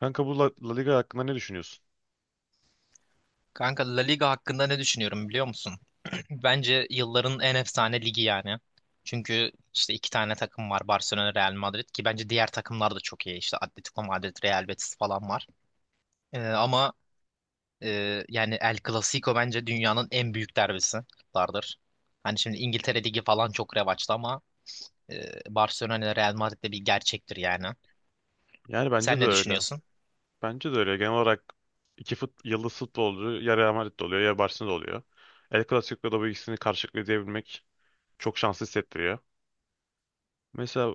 Kanka bu La Liga hakkında ne düşünüyorsun? Kanka La Liga hakkında ne düşünüyorum biliyor musun? Bence yılların en efsane ligi yani. Çünkü işte iki tane takım var Barcelona, Real Madrid ki bence diğer takımlar da çok iyi. İşte Atletico Madrid, Real Betis falan var. Ama yani El Clasico bence dünyanın en büyük derbisidir. Hani şimdi İngiltere Ligi falan çok revaçta ama e, Barcelona ile Real Madrid de bir gerçektir yani. Yani bence Sen de ne öyle. düşünüyorsun? Bence de öyle. Genel olarak yıldız futbolcu ya Real Madrid'de oluyor ya Barcelona'da oluyor. El Clasico'da bu ikisini karşılayabilmek çok şanslı hissettiriyor. Mesela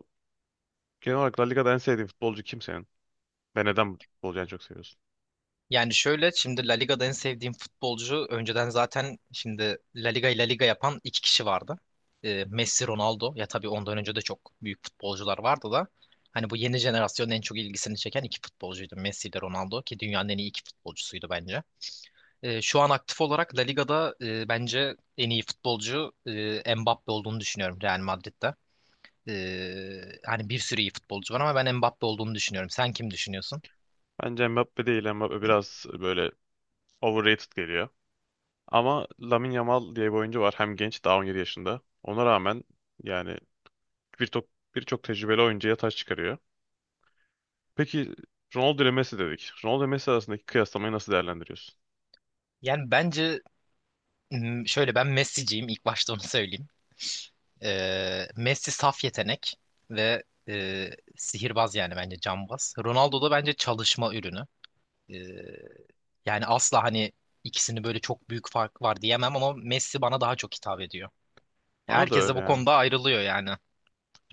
genel olarak La Liga'da en sevdiğin futbolcu kim senin? Ve neden bu futbolcuyu en çok seviyorsun? Yani şöyle şimdi La Liga'da en sevdiğim futbolcu önceden zaten şimdi La Liga'yı La Liga yapan iki kişi vardı. Messi, Ronaldo ya, tabii ondan önce de çok büyük futbolcular vardı da hani bu yeni jenerasyonun en çok ilgisini çeken iki futbolcuydu Messi ile Ronaldo ki dünyanın en iyi iki futbolcusuydu bence. Şu an aktif olarak La Liga'da bence en iyi futbolcu Mbappe olduğunu düşünüyorum Real Madrid'de. Hani bir sürü iyi futbolcu var ama ben Mbappe olduğunu düşünüyorum. Sen kim düşünüyorsun? Bence Mbappe değil. Mbappe biraz böyle overrated geliyor. Ama Lamine Yamal diye bir oyuncu var. Hem genç, daha 17 yaşında. Ona rağmen yani birçok birçok tecrübeli oyuncuya taş çıkarıyor. Peki, Ronaldo ile Messi dedik. Ronaldo ile Messi arasındaki kıyaslamayı nasıl değerlendiriyorsun? Yani bence şöyle, ben Messi'ciyim, ilk başta onu söyleyeyim. Messi saf yetenek ve e, sihirbaz, yani bence cambaz. Ronaldo da bence çalışma ürünü. Ee, yani asla hani ikisini böyle çok büyük fark var diyemem ama Messi bana daha çok hitap ediyor. Bana da Herkes de öyle bu yani. konuda ayrılıyor yani.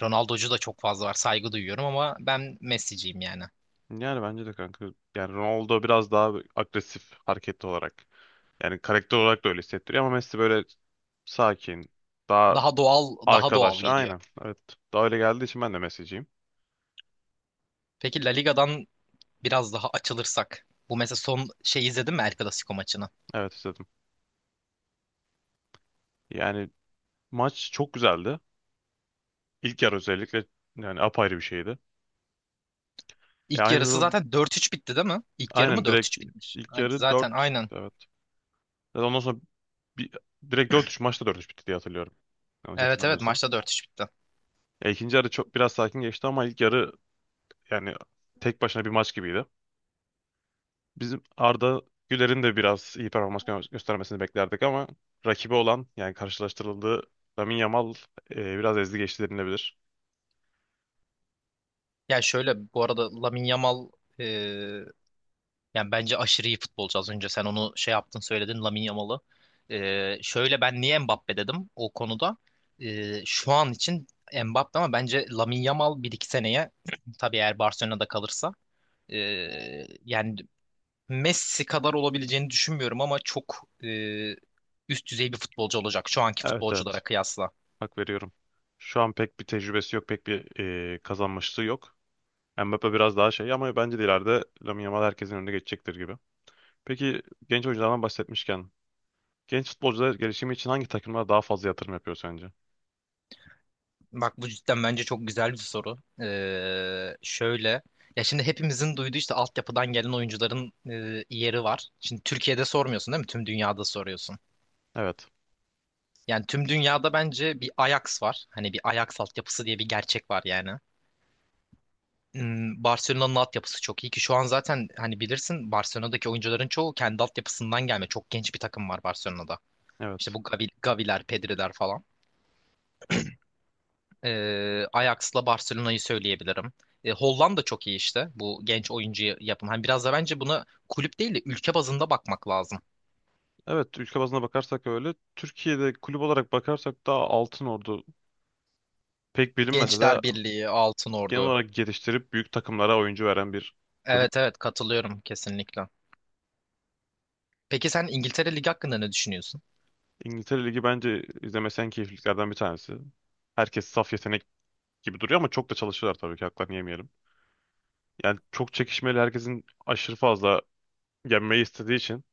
Ronaldocu da çok fazla var, saygı duyuyorum ama ben Messi'ciyim yani. Yani bence de kanka. Yani Ronaldo biraz daha agresif, hareketli olarak. Yani karakter olarak da öyle hissettiriyor ama Messi böyle sakin, daha Daha doğal, daha doğal arkadaş. geliyor. Aynen. Evet. Daha öyle geldiği için ben de Messi'ciyim. Peki La Liga'dan biraz daha açılırsak, bu mesela son şey, izledin mi El Clasico maçını? Evet, istedim. Yani maç çok güzeldi. İlk yarı özellikle yani apayrı bir şeydi. Ya, İlk aynı yarısı zamanda zaten 4-3 bitti değil mi? İlk yarı mı aynen dört direkt üç bitmiş? ilk Yani yarı zaten dört 3 aynen. bitti, evet. Ve ondan sonra Bir, direkt dört üç maçta dört üç bitti diye hatırlıyorum. Yanlış Evet, evet, hatırlamıyorsam. maçta 4-3 bitti. Ya, ikinci yarı çok biraz sakin geçti ama ilk yarı yani tek başına bir maç gibiydi. Bizim Arda Güler'in de biraz iyi performans göstermesini beklerdik ama rakibi olan, yani karşılaştırıldığı Lamine Yamal biraz ezdi geçti denilebilir. Yani şöyle, bu arada Lamine Yamal e, yani bence aşırı iyi futbolcu. Az önce sen onu şey yaptın, söyledin, Lamine Yamal'ı. Şöyle ben niye Mbappe dedim o konuda. Şu an için Mbappe, ama bence Lamine Yamal 1 2 seneye, tabii eğer Barcelona'da kalırsa, e, yani Messi kadar olabileceğini düşünmüyorum ama çok üst düzey bir futbolcu olacak şu anki Evet, evet, futbolculara kıyasla. hak veriyorum. Şu an pek bir tecrübesi yok, pek bir kazanmışlığı yok. Mbappe biraz daha şey ama bence de ileride Lamine Yamal herkesin önüne geçecektir gibi. Peki, genç oyunculardan bahsetmişken genç futbolcular gelişimi için hangi takımlara daha fazla yatırım yapıyor sence? Bak, bu cidden bence çok güzel bir soru. Şöyle ya, şimdi hepimizin duyduğu işte altyapıdan gelen oyuncuların yeri var. Şimdi Türkiye'de sormuyorsun değil mi? Tüm dünyada soruyorsun. Evet. Yani tüm dünyada bence bir Ajax var. Hani bir Ajax altyapısı diye bir gerçek var yani. Barcelona'nın altyapısı çok iyi ki şu an zaten hani bilirsin Barcelona'daki oyuncuların çoğu kendi altyapısından gelme. Çok genç bir takım var Barcelona'da. İşte Evet. bu Gavi, Gaviler, Pedri'ler falan. Ajax'la Barcelona'yı söyleyebilirim. Hollanda çok iyi işte bu genç oyuncu yapım. Hani biraz da bence buna kulüp değil de ülke bazında bakmak lazım. Evet, ülke bazına bakarsak öyle. Türkiye'de kulüp olarak bakarsak daha Altınordu, pek bilinmese de Gençler Birliği, Altın genel Ordu. olarak geliştirip büyük takımlara oyuncu veren bir kulüp. Evet, evet, katılıyorum kesinlikle. Peki sen İngiltere Ligi hakkında ne düşünüyorsun? İngiltere Ligi bence izlemesi en keyifliliklerden bir tanesi. Herkes saf yetenek gibi duruyor ama çok da çalışıyorlar tabii ki, haklarını yemeyelim. Yani çok çekişmeli, herkesin aşırı fazla yenmeyi istediği için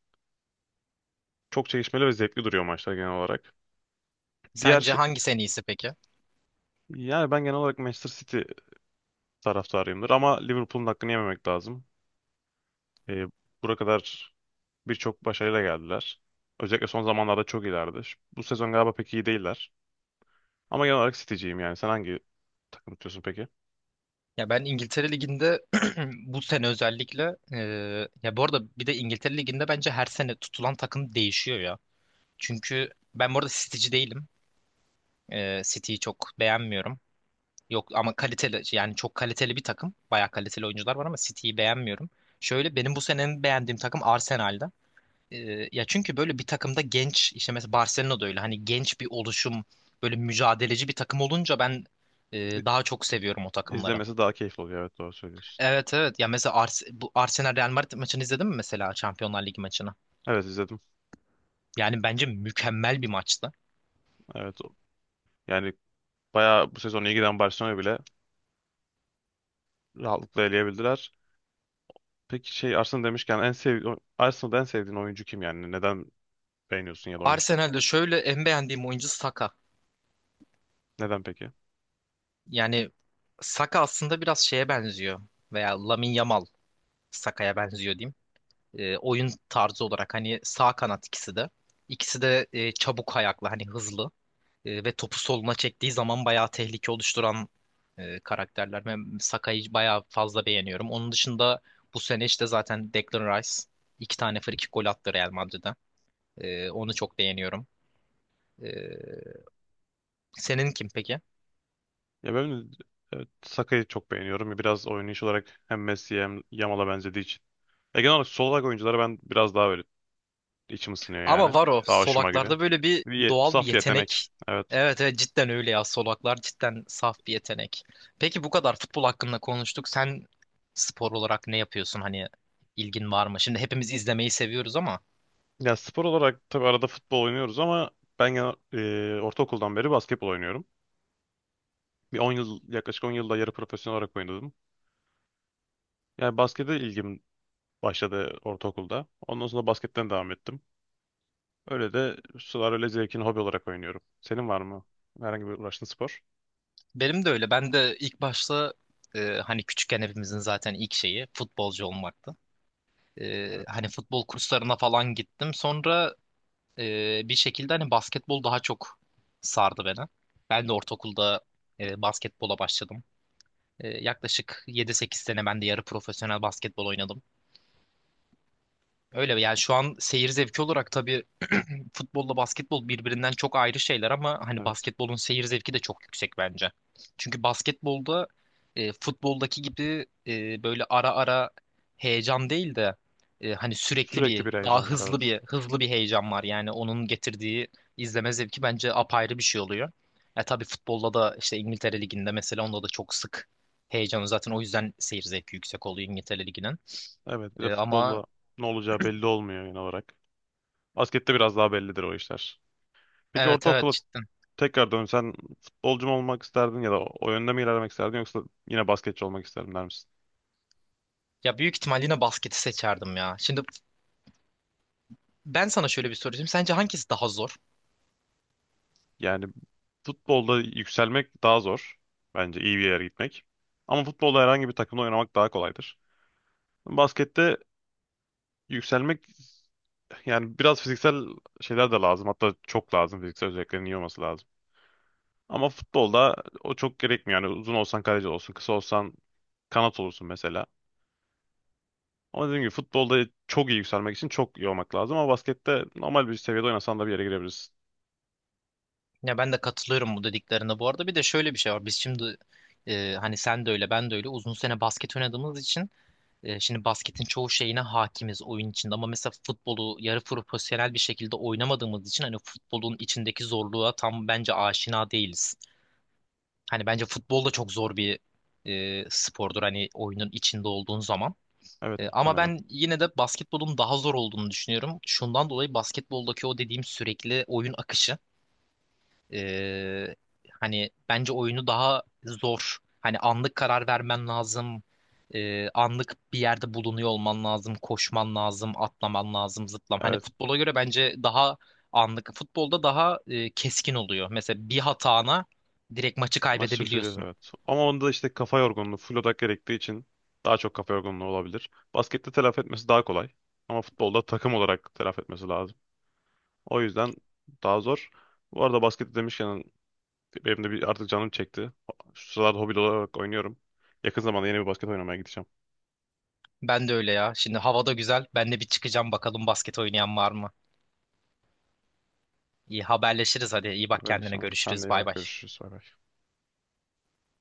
çok çekişmeli ve zevkli duruyor maçlar genel olarak. Diğer Sence şey, hangisi en iyisi peki? yani ben genel olarak Manchester City taraftarıyımdır. Ama Liverpool'un hakkını yememek lazım. E, Bura kadar birçok başarıyla geldiler. Özellikle son zamanlarda çok iyilerdi. Bu sezon galiba pek iyi değiller. Ama genel olarak City'ciyim yani. Sen hangi takım tutuyorsun peki? Ya ben İngiltere Ligi'nde bu sene özellikle, ya bu arada, bir de İngiltere Ligi'nde bence her sene tutulan takım değişiyor ya. Çünkü ben bu arada City'ci değilim. City'yi çok beğenmiyorum. Yok, ama kaliteli, yani çok kaliteli bir takım. Bayağı kaliteli oyuncular var ama City'yi beğenmiyorum. Şöyle, benim bu senenin beğendiğim takım Arsenal'da. E, ya çünkü böyle bir takımda genç, işte mesela Barcelona'da öyle, hani genç bir oluşum, böyle mücadeleci bir takım olunca ben e, İ- daha çok seviyorum o takımları. İzlemesi daha keyifli oluyor. Evet, doğru söylüyorsun. Evet, evet. Ya mesela bu Arsenal Real Madrid maçını izledin mi, mesela Şampiyonlar Ligi maçını? Evet, izledim. Yani bence mükemmel bir maçtı. Evet. Yani bayağı bu sezon iyi giden Barcelona'yı bile rahatlıkla eleyebildiler. Peki şey, Arsenal demişken en sev Arsenal'da en sevdiğin oyuncu kim yani? Neden beğeniyorsun ya da oyuncu da? Arsenal'de şöyle, en beğendiğim oyuncu Saka. Neden peki? Yani Saka aslında biraz şeye benziyor, veya Lamine Yamal Saka'ya benziyor diyeyim. Oyun tarzı olarak hani sağ kanat ikisi de. İkisi de çabuk ayaklı, hani hızlı. Ve topu soluna çektiği zaman bayağı tehlike oluşturan karakterler. Ben Sakai'yi bayağı fazla beğeniyorum. Onun dışında bu sene işte zaten Declan Rice iki tane frikik gol attı Real Madrid'den. Onu çok beğeniyorum. E, senin kim peki? Ya ben, evet, Saka'yı çok beğeniyorum. Biraz oynayış olarak hem Messi'ye hem Yamal'a benzediği için. Ya genel olarak sol bek oyuncuları ben biraz daha böyle içim ısınıyor Ama yani. var o Daha hoşuma gidiyor. solaklarda böyle bir doğal bir Saf yetenek. yetenek. Evet. Evet, evet, cidden öyle ya, solaklar cidden saf bir yetenek. Peki bu kadar futbol hakkında konuştuk. Sen spor olarak ne yapıyorsun? Hani ilgin var mı? Şimdi hepimiz izlemeyi seviyoruz ama... Ya spor olarak tabii arada futbol oynuyoruz ama ben ortaokuldan beri basketbol oynuyorum. Bir 10 yıl, yaklaşık 10 yılda yarı profesyonel olarak oynadım. Yani baskete ilgim başladı ortaokulda. Ondan sonra basketten devam ettim. Öyle de sular öyle zevkini hobi olarak oynuyorum. Senin var mı herhangi bir uğraştığın spor? Benim de öyle. Ben de ilk başta hani küçükken hepimizin zaten ilk şeyi futbolcu olmaktı. E, Evet. hani futbol kurslarına falan gittim. Sonra bir şekilde hani basketbol daha çok sardı beni. Ben de ortaokulda basketbola başladım. Yaklaşık 7 8 sene ben de yarı profesyonel basketbol oynadım. Öyle yani, şu an seyir zevki olarak tabii futbolla basketbol birbirinden çok ayrı şeyler ama hani Evet. basketbolun seyir zevki de çok yüksek bence. Çünkü basketbolda futboldaki gibi böyle ara ara heyecan değil de hani sürekli Sürekli bir bir daha heyecan var, hızlı evet. bir hızlı bir heyecan var. Yani onun getirdiği izleme zevki bence apayrı bir şey oluyor. Tabii futbolda da işte İngiltere Ligi'nde mesela, onda da çok sık heyecanı, zaten o yüzden seyir zevki yüksek oluyor İngiltere Ligi'nin. Evet, bir de Ama futbolda ne olacağı belli olmuyor genel olarak. Baskette biraz daha bellidir o işler. Peki evet, evet, ortaokula cidden. tekrar dönsen futbolcu mu olmak isterdin ya da o yönde mi ilerlemek isterdin, yoksa yine basketçi olmak isterdim der misin? Ya büyük ihtimal yine basketi seçerdim ya. Şimdi ben sana şöyle bir soru sorayım. Sence hangisi daha zor? Yani futbolda yükselmek daha zor. Bence iyi bir yere gitmek. Ama futbolda herhangi bir takımda oynamak daha kolaydır. Baskette yükselmek, yani biraz fiziksel şeyler de lazım. Hatta çok lazım. Fiziksel özelliklerin iyi olması lazım. Ama futbolda o çok gerekmiyor. Yani uzun olsan kaleci olsun, kısa olsan kanat olursun mesela. Ama dediğim gibi futbolda çok iyi yükselmek için çok iyi olmak lazım. Ama baskette normal bir seviyede oynasan da bir yere girebilirsin. Ya ben de katılıyorum bu dediklerine bu arada. Bir de şöyle bir şey var. Biz şimdi hani sen de öyle, ben de öyle uzun sene basket oynadığımız için şimdi basketin çoğu şeyine hakimiz oyun içinde. Ama mesela futbolu yarı profesyonel bir şekilde oynamadığımız için hani futbolun içindeki zorluğa tam bence aşina değiliz. Hani bence futbol da çok zor bir spordur, hani oyunun içinde olduğun zaman. Evet, Ama muhtemelen. ben yine de basketbolun daha zor olduğunu düşünüyorum. Şundan dolayı, basketboldaki o dediğim sürekli oyun akışı. Ee, hani bence oyunu daha zor. Hani anlık karar vermen lazım. Anlık bir yerde bulunuyor olman lazım. Koşman lazım, atlaman lazım, zıplam. Hani Evet. futbola göre bence daha anlık. Futbolda daha keskin oluyor. Mesela bir hatana direkt maçı Maç içi bir söylüyor. kaybedebiliyorsun. Evet. Ama onda işte kafa yorgunluğu, full odak gerektiği için daha çok kafa yorgunluğu olabilir. Baskette telafi etmesi daha kolay. Ama futbolda takım olarak telafi etmesi lazım. O yüzden daha zor. Bu arada baskette demişken benim de bir artık canım çekti. Şu sıralarda hobi olarak oynuyorum. Yakın zamanda yeni bir basket oynamaya gideceğim. Ben de öyle ya. Şimdi hava da güzel. Ben de bir çıkacağım, bakalım basket oynayan var mı? İyi, haberleşiriz hadi. İyi bak Böyle kendine, işte. Sen de görüşürüz. iyi Bay bak. bay. Görüşürüz. Bay bay.